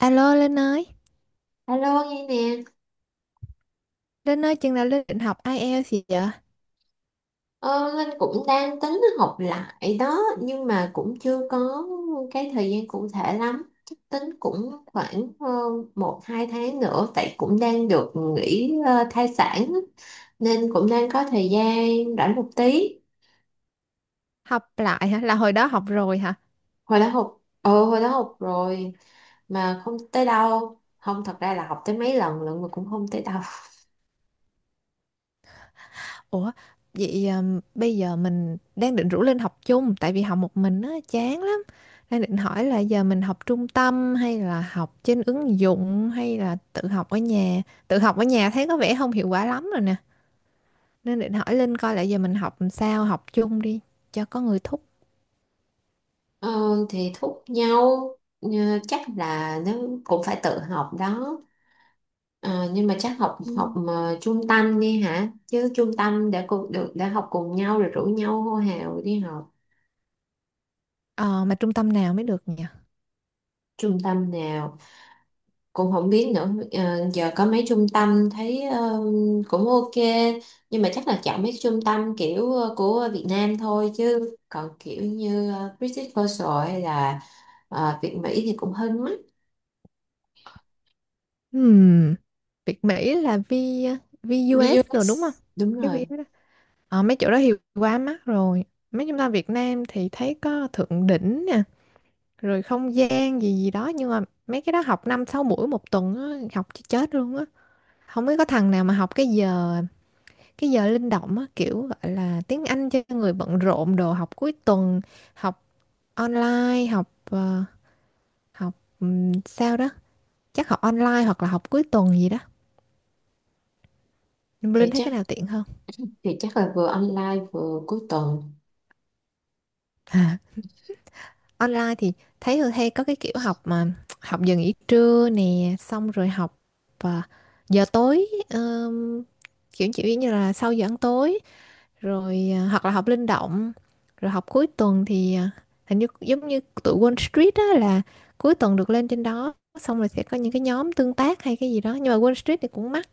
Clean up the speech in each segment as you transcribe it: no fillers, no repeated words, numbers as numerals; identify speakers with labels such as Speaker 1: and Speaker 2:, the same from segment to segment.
Speaker 1: Alo
Speaker 2: Alo nghe nè.
Speaker 1: Linh ơi chừng nào Linh định học IELTS gì vậy?
Speaker 2: Ờ, Linh cũng đang tính học lại đó nhưng mà cũng chưa có cái thời gian cụ thể lắm. Chắc tính cũng khoảng một hai tháng nữa, tại cũng đang được nghỉ thai sản á, nên cũng đang có thời gian rảnh một tí.
Speaker 1: Học lại hả? Là hồi đó học rồi hả?
Speaker 2: Hồi đó học rồi mà không tới đâu. Không, thật ra là học tới mấy lần lận mà cũng không tới đâu.
Speaker 1: Ủa, vậy bây giờ mình đang định rủ Linh học chung tại vì học một mình á chán lắm. Đang định hỏi là giờ mình học trung tâm hay là học trên ứng dụng hay là tự học ở nhà. Tự học ở nhà thấy có vẻ không hiệu quả lắm rồi nè. Nên định hỏi Linh coi là giờ mình học làm sao, học chung đi cho có người thúc.
Speaker 2: ờ, thì thúc nhau. ờ, Chắc là nó cũng phải tự học đó. Ờ, nhưng mà chắc học học
Speaker 1: Ừ.
Speaker 2: mà trung tâm đi hả, chứ trung tâm đã cùng được, đã học cùng nhau rồi rủ nhau hô hào đi học.
Speaker 1: Ờ mà trung tâm nào mới được nhỉ?
Speaker 2: Trung tâm nào cũng không biết nữa. Ờ, giờ có mấy trung tâm thấy cũng ok, nhưng mà chắc là chọn mấy trung tâm kiểu của Việt Nam thôi, chứ còn kiểu như British Coastal hay là Việt Mỹ thì cũng hơi mắc.
Speaker 1: Hmm. Việt Mỹ là VUS
Speaker 2: VUS
Speaker 1: rồi đúng không?
Speaker 2: đúng
Speaker 1: Cái V
Speaker 2: rồi.
Speaker 1: đó. Ờ, mấy chỗ đó thì quá mắc rồi. Mấy chúng ta Việt Nam thì thấy có Thượng Đỉnh nè, rồi không gian gì gì đó nhưng mà mấy cái đó học 5 6 buổi một tuần á, học cho chết luôn á. Không biết có thằng nào mà học cái giờ linh động á, kiểu gọi là tiếng Anh cho người bận rộn đồ học cuối tuần, học online, học ờ, học sao đó, chắc học online hoặc là học cuối tuần gì đó.
Speaker 2: thì
Speaker 1: Linh thấy cái
Speaker 2: chắc
Speaker 1: nào tiện hơn?
Speaker 2: thì chắc là vừa online vừa cuối tuần.
Speaker 1: Online thì thấy Hương hay có cái kiểu học mà học giờ nghỉ trưa nè xong rồi học à, giờ tối, kiểu kiểu như là sau giờ ăn tối rồi à, hoặc là học linh động rồi học cuối tuần thì à, hình như giống như tụi Wall Street á là cuối tuần được lên trên đó xong rồi sẽ có những cái nhóm tương tác hay cái gì đó nhưng mà Wall Street thì cũng mắc,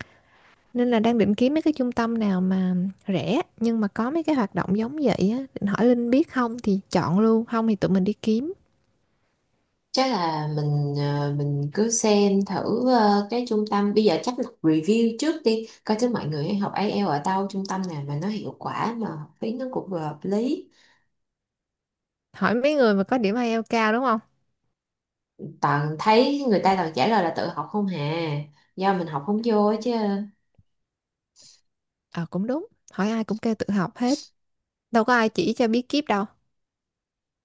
Speaker 1: nên là đang định kiếm mấy cái trung tâm nào mà rẻ nhưng mà có mấy cái hoạt động giống vậy á, định hỏi Linh biết không thì chọn luôn, không thì tụi mình đi kiếm,
Speaker 2: Chắc là mình cứ xem thử cái trung tâm bây giờ, chắc là review trước đi, coi thử mọi người học IELTS ở đâu, trung tâm nào mà nó hiệu quả mà học phí nó cũng vừa hợp lý.
Speaker 1: hỏi mấy người mà có điểm IELTS cao đúng không?
Speaker 2: Toàn thấy người ta toàn trả lời là tự học không hà, do mình học không vô á chứ.
Speaker 1: Ờ cũng đúng, hỏi ai cũng kêu tự học hết, đâu có ai chỉ cho bí kíp đâu.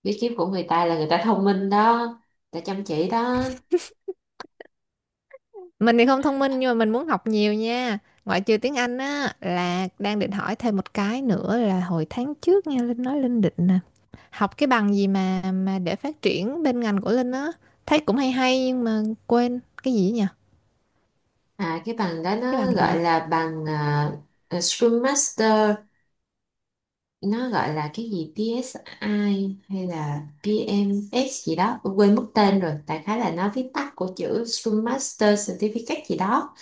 Speaker 2: Bí kíp của người ta là người ta thông minh đó, người ta chăm chỉ đó.
Speaker 1: Mình thì không thông minh nhưng mà mình muốn học nhiều nha. Ngoại trừ tiếng Anh á là đang định hỏi thêm một cái nữa, là hồi tháng trước nghe Linh nói Linh định nè. Học cái bằng gì mà để phát triển bên ngành của Linh á, thấy cũng hay hay nhưng mà quên cái gì ấy nhỉ?
Speaker 2: À, cái bằng đó
Speaker 1: Cái
Speaker 2: nó
Speaker 1: bằng gì
Speaker 2: gọi
Speaker 1: ấy?
Speaker 2: là bằng Scrum Master. Nó gọi là cái gì PSI hay là PMS gì đó, quên mất tên rồi, đại khái là nó viết tắt của chữ Scrum Master Certificate gì đó.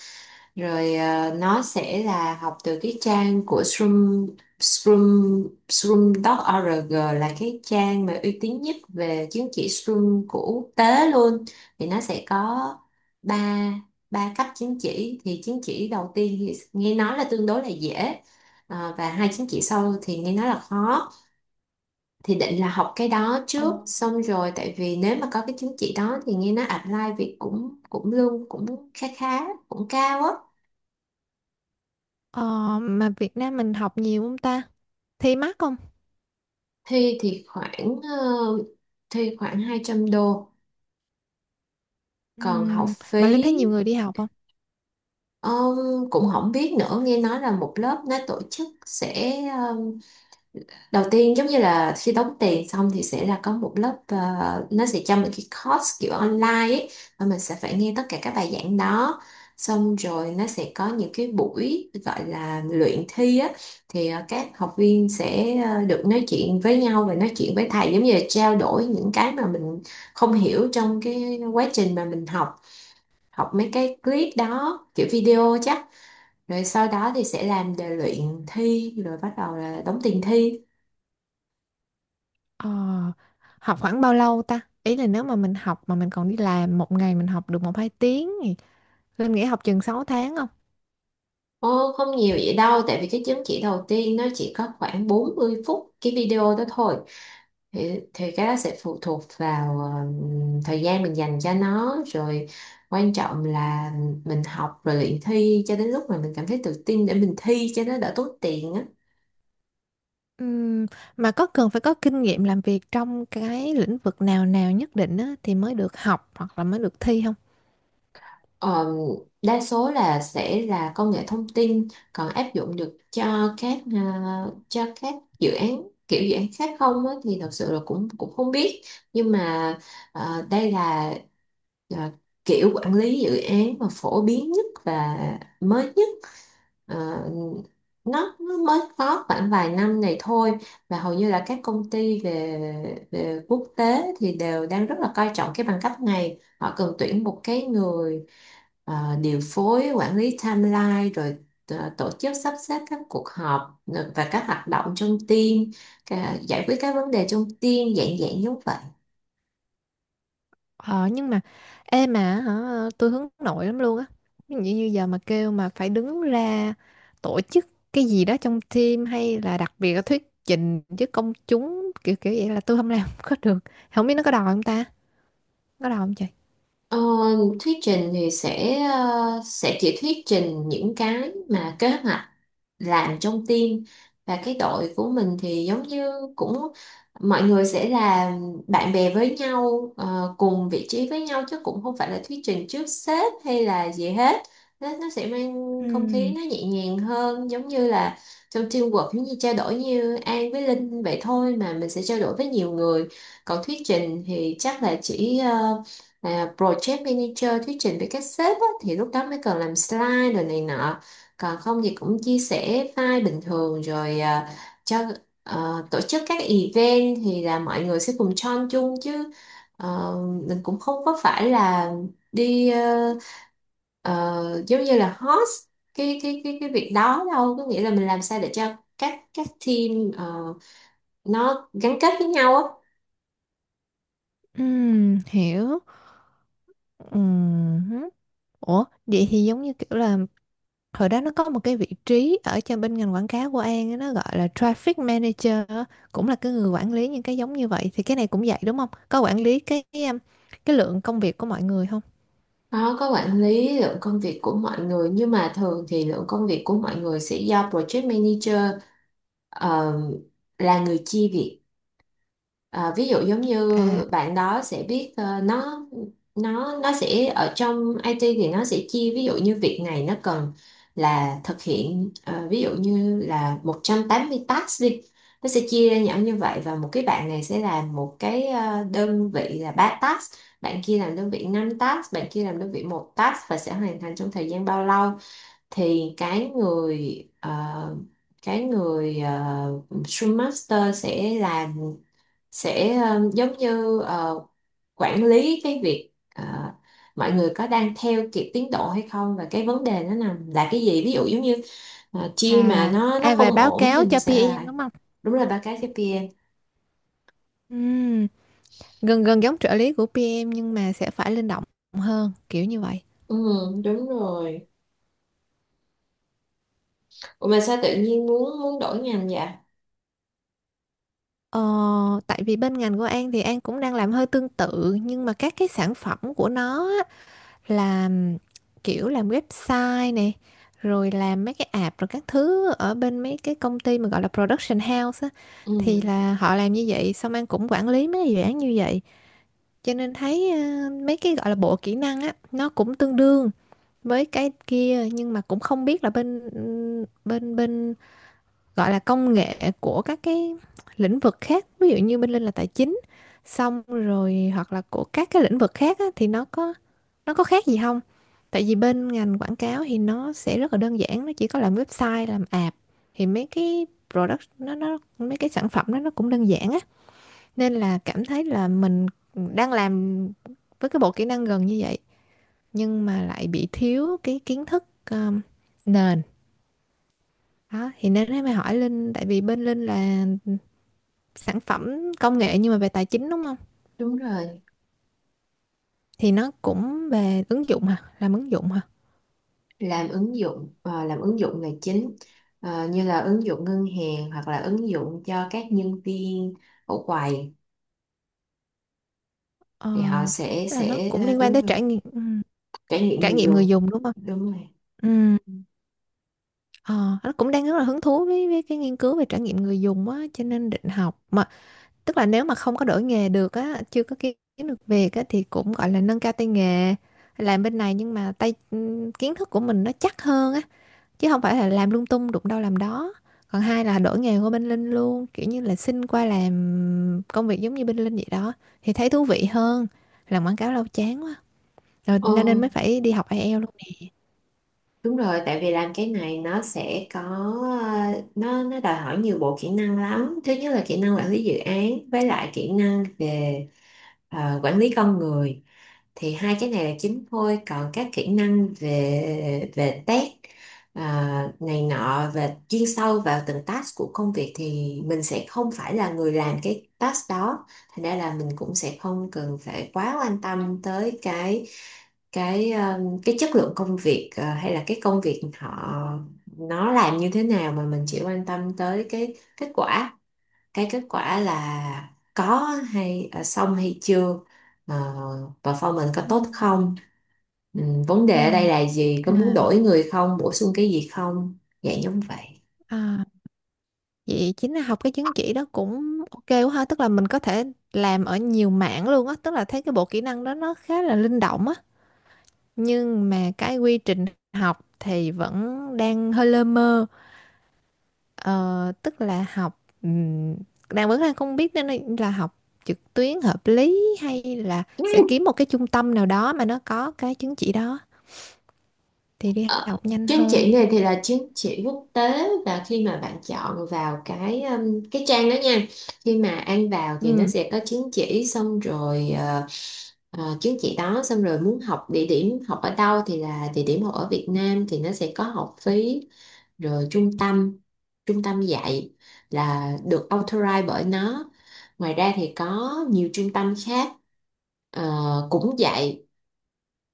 Speaker 2: Rồi nó sẽ là học từ cái trang của Shroom Shroom Shroom.org là cái trang mà uy tín nhất về chứng chỉ Shroom của quốc tế luôn. Thì nó sẽ có ba ba cấp chứng chỉ. Thì chứng chỉ đầu tiên thì nghe nói là tương đối là dễ. Ờ, và hai chứng chỉ sau thì nghe nói là khó. Thì định là học cái đó
Speaker 1: Ờ,
Speaker 2: trước xong rồi, tại vì nếu mà có cái chứng chỉ đó thì nghe nói apply việc cũng cũng lương cũng khá khá, cũng cao á.
Speaker 1: ờ, mà Việt Nam mình học nhiều không ta? Thi mắc không?
Speaker 2: thi thì khoảng ờ, Thi khoảng 200 đô. Còn học
Speaker 1: Mà Linh thấy
Speaker 2: phí
Speaker 1: nhiều người đi học không?
Speaker 2: ờ, cũng không biết nữa. Nghe nói là một lớp nó tổ chức sẽ đầu tiên, giống như là khi đóng tiền xong thì sẽ là có một lớp, nó sẽ cho mình cái course kiểu online ấy, và mình sẽ phải nghe tất cả các bài giảng đó, xong rồi nó sẽ có những cái buổi gọi là luyện thi á. Thì các học viên sẽ được nói chuyện với nhau và nói chuyện với thầy, giống như là trao đổi những cái mà mình không hiểu trong cái quá trình mà mình học, học mấy cái clip đó kiểu video chắc, rồi sau đó thì sẽ làm đề luyện thi, rồi bắt đầu là đóng tiền thi.
Speaker 1: Ờ, học khoảng bao lâu ta? Ý là nếu mà mình học mà mình còn đi làm, một ngày mình học được một hai tiếng thì Linh nghĩ học chừng 6 tháng không?
Speaker 2: Ồ, không nhiều vậy đâu, tại vì cái chứng chỉ đầu tiên nó chỉ có khoảng 40 phút cái video đó thôi. Thì cái đó sẽ phụ thuộc vào thời gian mình dành cho nó, rồi quan trọng là mình học rồi luyện thi cho đến lúc mà mình cảm thấy tự tin để mình thi cho nó đỡ tốn tiền á.
Speaker 1: Ừm, mà có cần phải có kinh nghiệm làm việc trong cái lĩnh vực nào nào nhất định á thì mới được học hoặc là mới được thi không?
Speaker 2: Ờ, đa số là sẽ là công nghệ thông tin, còn áp dụng được cho cho các dự án kiểu dự án khác không á, thì thật sự là cũng cũng không biết. Nhưng mà đây là ờ, kiểu quản lý dự án mà phổ biến nhất và mới nhất. Ờ, nó mới có khoảng vài năm này thôi, và hầu như là các công ty về về quốc tế thì đều đang rất là coi trọng cái bằng cấp này. Họ cần tuyển một cái người điều phối, quản lý timeline, rồi tổ chức sắp xếp các cuộc họp, và các hoạt động trong team. Giải quyết các vấn đề trong team, dạng dạng giống vậy.
Speaker 1: Ờ, nhưng mà ê mà hả, tôi hướng nội lắm luôn á. Ví dụ như giờ mà kêu mà phải đứng ra tổ chức cái gì đó trong team hay là đặc biệt là thuyết trình với công chúng kiểu kiểu vậy là tôi không làm có được. Không biết nó có đòi không ta? Có đau không chị?
Speaker 2: Ờ, thuyết trình thì sẽ chỉ thuyết trình những cái mà kế hoạch làm trong team. Và cái đội của mình thì giống như cũng mọi người sẽ là bạn bè với nhau, cùng vị trí với nhau, chứ cũng không phải là thuyết trình trước sếp hay là gì hết. Nó sẽ mang không khí
Speaker 1: Ừm.
Speaker 2: nó nhẹ nhàng hơn, giống như là trong teamwork, giống như trao đổi như An với Linh vậy thôi, mà mình sẽ trao đổi với nhiều người. Còn thuyết trình thì chắc là chỉ là project manager thuyết trình với các sếp á, thì lúc đó mới cần làm slide rồi này nọ. Còn không thì cũng chia sẻ file bình thường rồi cho. Tổ chức các event thì là mọi người sẽ cùng join chung chứ. Ờ, mình cũng không có phải là đi giống như là host cái việc đó, đâu có nghĩa là mình làm sao để cho các team nó gắn kết với nhau á.
Speaker 1: Hiểu. Ừm. Ủa vậy thì giống như kiểu là hồi đó nó có một cái vị trí ở cho bên ngành quảng cáo của An á, nó gọi là traffic manager á, cũng là cái người quản lý những cái giống như vậy, thì cái này cũng vậy đúng không, có quản lý cái lượng công việc của mọi người không?
Speaker 2: Nó có quản lý lượng công việc của mọi người, nhưng mà thường thì lượng công việc của mọi người sẽ do project manager ờ, là người chia việc. Ờ, ví dụ giống như
Speaker 1: à
Speaker 2: bạn đó sẽ biết nó sẽ ở trong IT, thì nó sẽ chia, ví dụ như việc này nó cần là thực hiện ví dụ như là 180 task đi. Nó sẽ chia ra nhỏ như vậy, và một cái bạn này sẽ làm một cái đơn vị là 3 task, bạn kia làm đơn vị 5 task, bạn kia làm đơn vị một task, và sẽ hoàn thành trong thời gian bao lâu. Thì cái người Scrum Master sẽ làm, sẽ giống như quản lý cái việc, mọi người có đang theo kịp tiến độ hay không, và cái vấn đề nó nằm là cái gì. Ví dụ giống như chia mà
Speaker 1: à
Speaker 2: nó
Speaker 1: à
Speaker 2: không
Speaker 1: và báo
Speaker 2: ổn thì
Speaker 1: cáo
Speaker 2: mình
Speaker 1: cho
Speaker 2: sẽ là
Speaker 1: PM đúng không?
Speaker 2: đúng là ba cái KPI.
Speaker 1: Ừm, gần gần giống trợ lý của PM nhưng mà sẽ phải linh động hơn kiểu như vậy.
Speaker 2: Ừ, đúng rồi. Ủa mà sao tự nhiên muốn muốn đổi ngành vậy.
Speaker 1: Ờ, tại vì bên ngành của An thì An cũng đang làm hơi tương tự nhưng mà các cái sản phẩm của nó á, là kiểu làm website này rồi làm mấy cái app rồi các thứ ở bên mấy cái công ty mà gọi là production house á, thì
Speaker 2: Ừ,
Speaker 1: là họ làm như vậy, xong An cũng quản lý mấy cái dự án như vậy, cho nên thấy mấy cái gọi là bộ kỹ năng á nó cũng tương đương với cái kia, nhưng mà cũng không biết là bên bên bên gọi là công nghệ của các cái lĩnh vực khác, ví dụ như bên Linh là tài chính, xong rồi hoặc là của các cái lĩnh vực khác á, thì nó có khác gì không, tại vì bên ngành quảng cáo thì nó sẽ rất là đơn giản, nó chỉ có làm website làm app, thì mấy cái product nó, mấy cái sản phẩm đó nó cũng đơn giản á, nên là cảm thấy là mình đang làm với cái bộ kỹ năng gần như vậy nhưng mà lại bị thiếu cái kiến thức um, nền đó, thì nên mới hỏi Linh, tại vì bên Linh là sản phẩm công nghệ nhưng mà về tài chính đúng không?
Speaker 2: đúng rồi.
Speaker 1: Thì nó cũng về ứng dụng hả? Làm ứng dụng hả?
Speaker 2: Làm ứng dụng là chính. Ờ, như là ứng dụng ngân hàng hoặc là ứng dụng cho các nhân viên ở quầy,
Speaker 1: Ờ,
Speaker 2: thì họ sẽ
Speaker 1: là nó cũng liên quan
Speaker 2: đúng
Speaker 1: tới
Speaker 2: rồi. Trải nghiệm
Speaker 1: trải
Speaker 2: người
Speaker 1: nghiệm người
Speaker 2: dùng
Speaker 1: dùng đúng không?
Speaker 2: đúng rồi.
Speaker 1: Ừm, ờ, nó cũng đang rất là hứng thú với, cái nghiên cứu về trải nghiệm người dùng á, cho nên định học, mà tức là nếu mà không có đổi nghề được á, chưa có kiếm được việc á thì cũng gọi là nâng cao tay nghề làm bên này nhưng mà tay kiến thức của mình nó chắc hơn á, chứ không phải là làm lung tung đụng đâu làm đó, còn hai là đổi nghề qua bên Linh luôn, kiểu như là xin qua làm công việc giống như bên Linh vậy đó, thì thấy thú vị hơn, làm quảng cáo lâu chán quá rồi
Speaker 2: Ờ,
Speaker 1: nên nên mới phải đi học IELTS luôn nè.
Speaker 2: đúng rồi, tại vì làm cái này nó sẽ có nó đòi hỏi nhiều bộ kỹ năng lắm. Thứ nhất là kỹ năng quản lý dự án, với lại kỹ năng về quản lý con người. Thì hai cái này là chính thôi, còn các kỹ năng về về test này nọ, về chuyên sâu vào từng task của công việc, thì mình sẽ không phải là người làm cái task đó. Thành ra là mình cũng sẽ không cần phải quá quan tâm tới cái chất lượng công việc, hay là cái công việc họ nó làm như thế nào, mà mình chỉ quan tâm tới cái kết quả. Cái kết quả là có hay xong hay chưa, ờ, performance có
Speaker 1: Ừ.
Speaker 2: tốt không. Ừ, vấn
Speaker 1: Ừ.
Speaker 2: đề ở đây là gì, có muốn
Speaker 1: À,
Speaker 2: đổi người không, bổ sung cái gì không, dạng giống vậy.
Speaker 1: à, vậy chính là học cái chứng chỉ đó cũng ok quá ha, tức là mình có thể làm ở nhiều mảng luôn á, tức là thấy cái bộ kỹ năng đó nó khá là linh động á, nhưng mà cái quy trình học thì vẫn đang hơi lơ mơ. Ờ, tức là học vẫn đang không biết nên là học trực tuyến hợp lý hay là sẽ kiếm một cái trung tâm nào đó mà nó có cái chứng chỉ đó thì đi
Speaker 2: Ờ,
Speaker 1: học nhanh
Speaker 2: chứng
Speaker 1: hơn.
Speaker 2: chỉ này thì là chứng chỉ quốc tế, và khi mà bạn chọn vào cái trang đó nha. Khi mà An vào thì nó
Speaker 1: Ừ.
Speaker 2: sẽ có chứng chỉ xong rồi ờ, Ờ, chứng chỉ đó xong rồi muốn học địa điểm học ở đâu, thì là địa điểm học ở Việt Nam thì nó sẽ có học phí, rồi trung tâm dạy là được authorize bởi nó. Ngoài ra thì có nhiều trung tâm khác ờ, cũng dạy.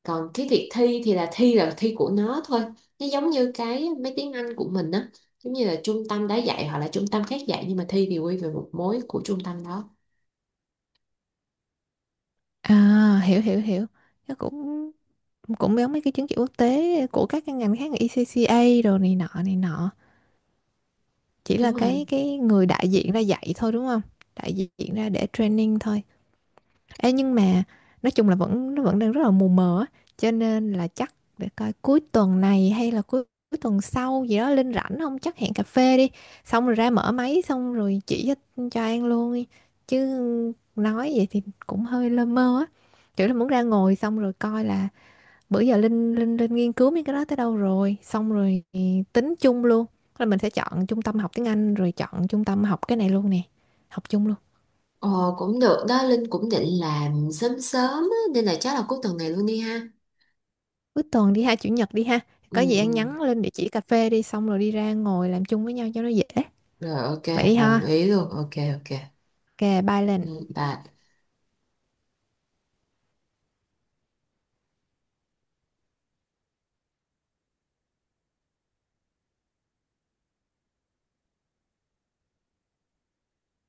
Speaker 2: Còn cái việc thi thì là thi, là thi của nó thôi. Nó giống như cái mấy tiếng Anh của mình á, giống như là trung tâm đã dạy hoặc là trung tâm khác dạy, nhưng mà thi thì quy về một mối của trung tâm đó.
Speaker 1: À, hiểu hiểu hiểu. Nó cũng cũng giống mấy cái chứng chỉ quốc tế của các cái ngành khác như ECCA đồ này nọ này nọ. Chỉ là
Speaker 2: Đúng rồi.
Speaker 1: cái người đại diện ra dạy thôi đúng không? Đại diện ra để training thôi. Ê, nhưng mà nói chung là nó vẫn đang rất là mù mờ á, cho nên là chắc để coi cuối tuần này hay là cuối tuần sau gì đó Linh rảnh không, chắc hẹn cà phê đi xong rồi ra mở máy xong rồi chỉ cho An luôn đi, chứ nói vậy thì cũng hơi lơ mơ á, kiểu là muốn ra ngồi xong rồi coi là bữa giờ Linh Linh Linh nghiên cứu mấy cái đó tới đâu rồi, xong rồi tính chung luôn là mình sẽ chọn trung tâm học tiếng Anh rồi chọn trung tâm học cái này luôn nè, học chung luôn.
Speaker 2: Ờ, cũng được đó, Linh cũng định làm sớm sớm á, nên là chắc là cuối tuần này luôn đi ha.
Speaker 1: Cuối tuần đi ha, chủ nhật đi ha.
Speaker 2: Ừ,
Speaker 1: Có gì ăn
Speaker 2: ừ.
Speaker 1: nhắn lên địa chỉ cà phê đi xong rồi đi ra ngồi làm chung với nhau cho nó dễ.
Speaker 2: Rồi ok,
Speaker 1: Vậy đi
Speaker 2: đồng
Speaker 1: ha.
Speaker 2: ý luôn, ok ok.
Speaker 1: Ok, bye
Speaker 2: Ừ,
Speaker 1: Linh.
Speaker 2: bye.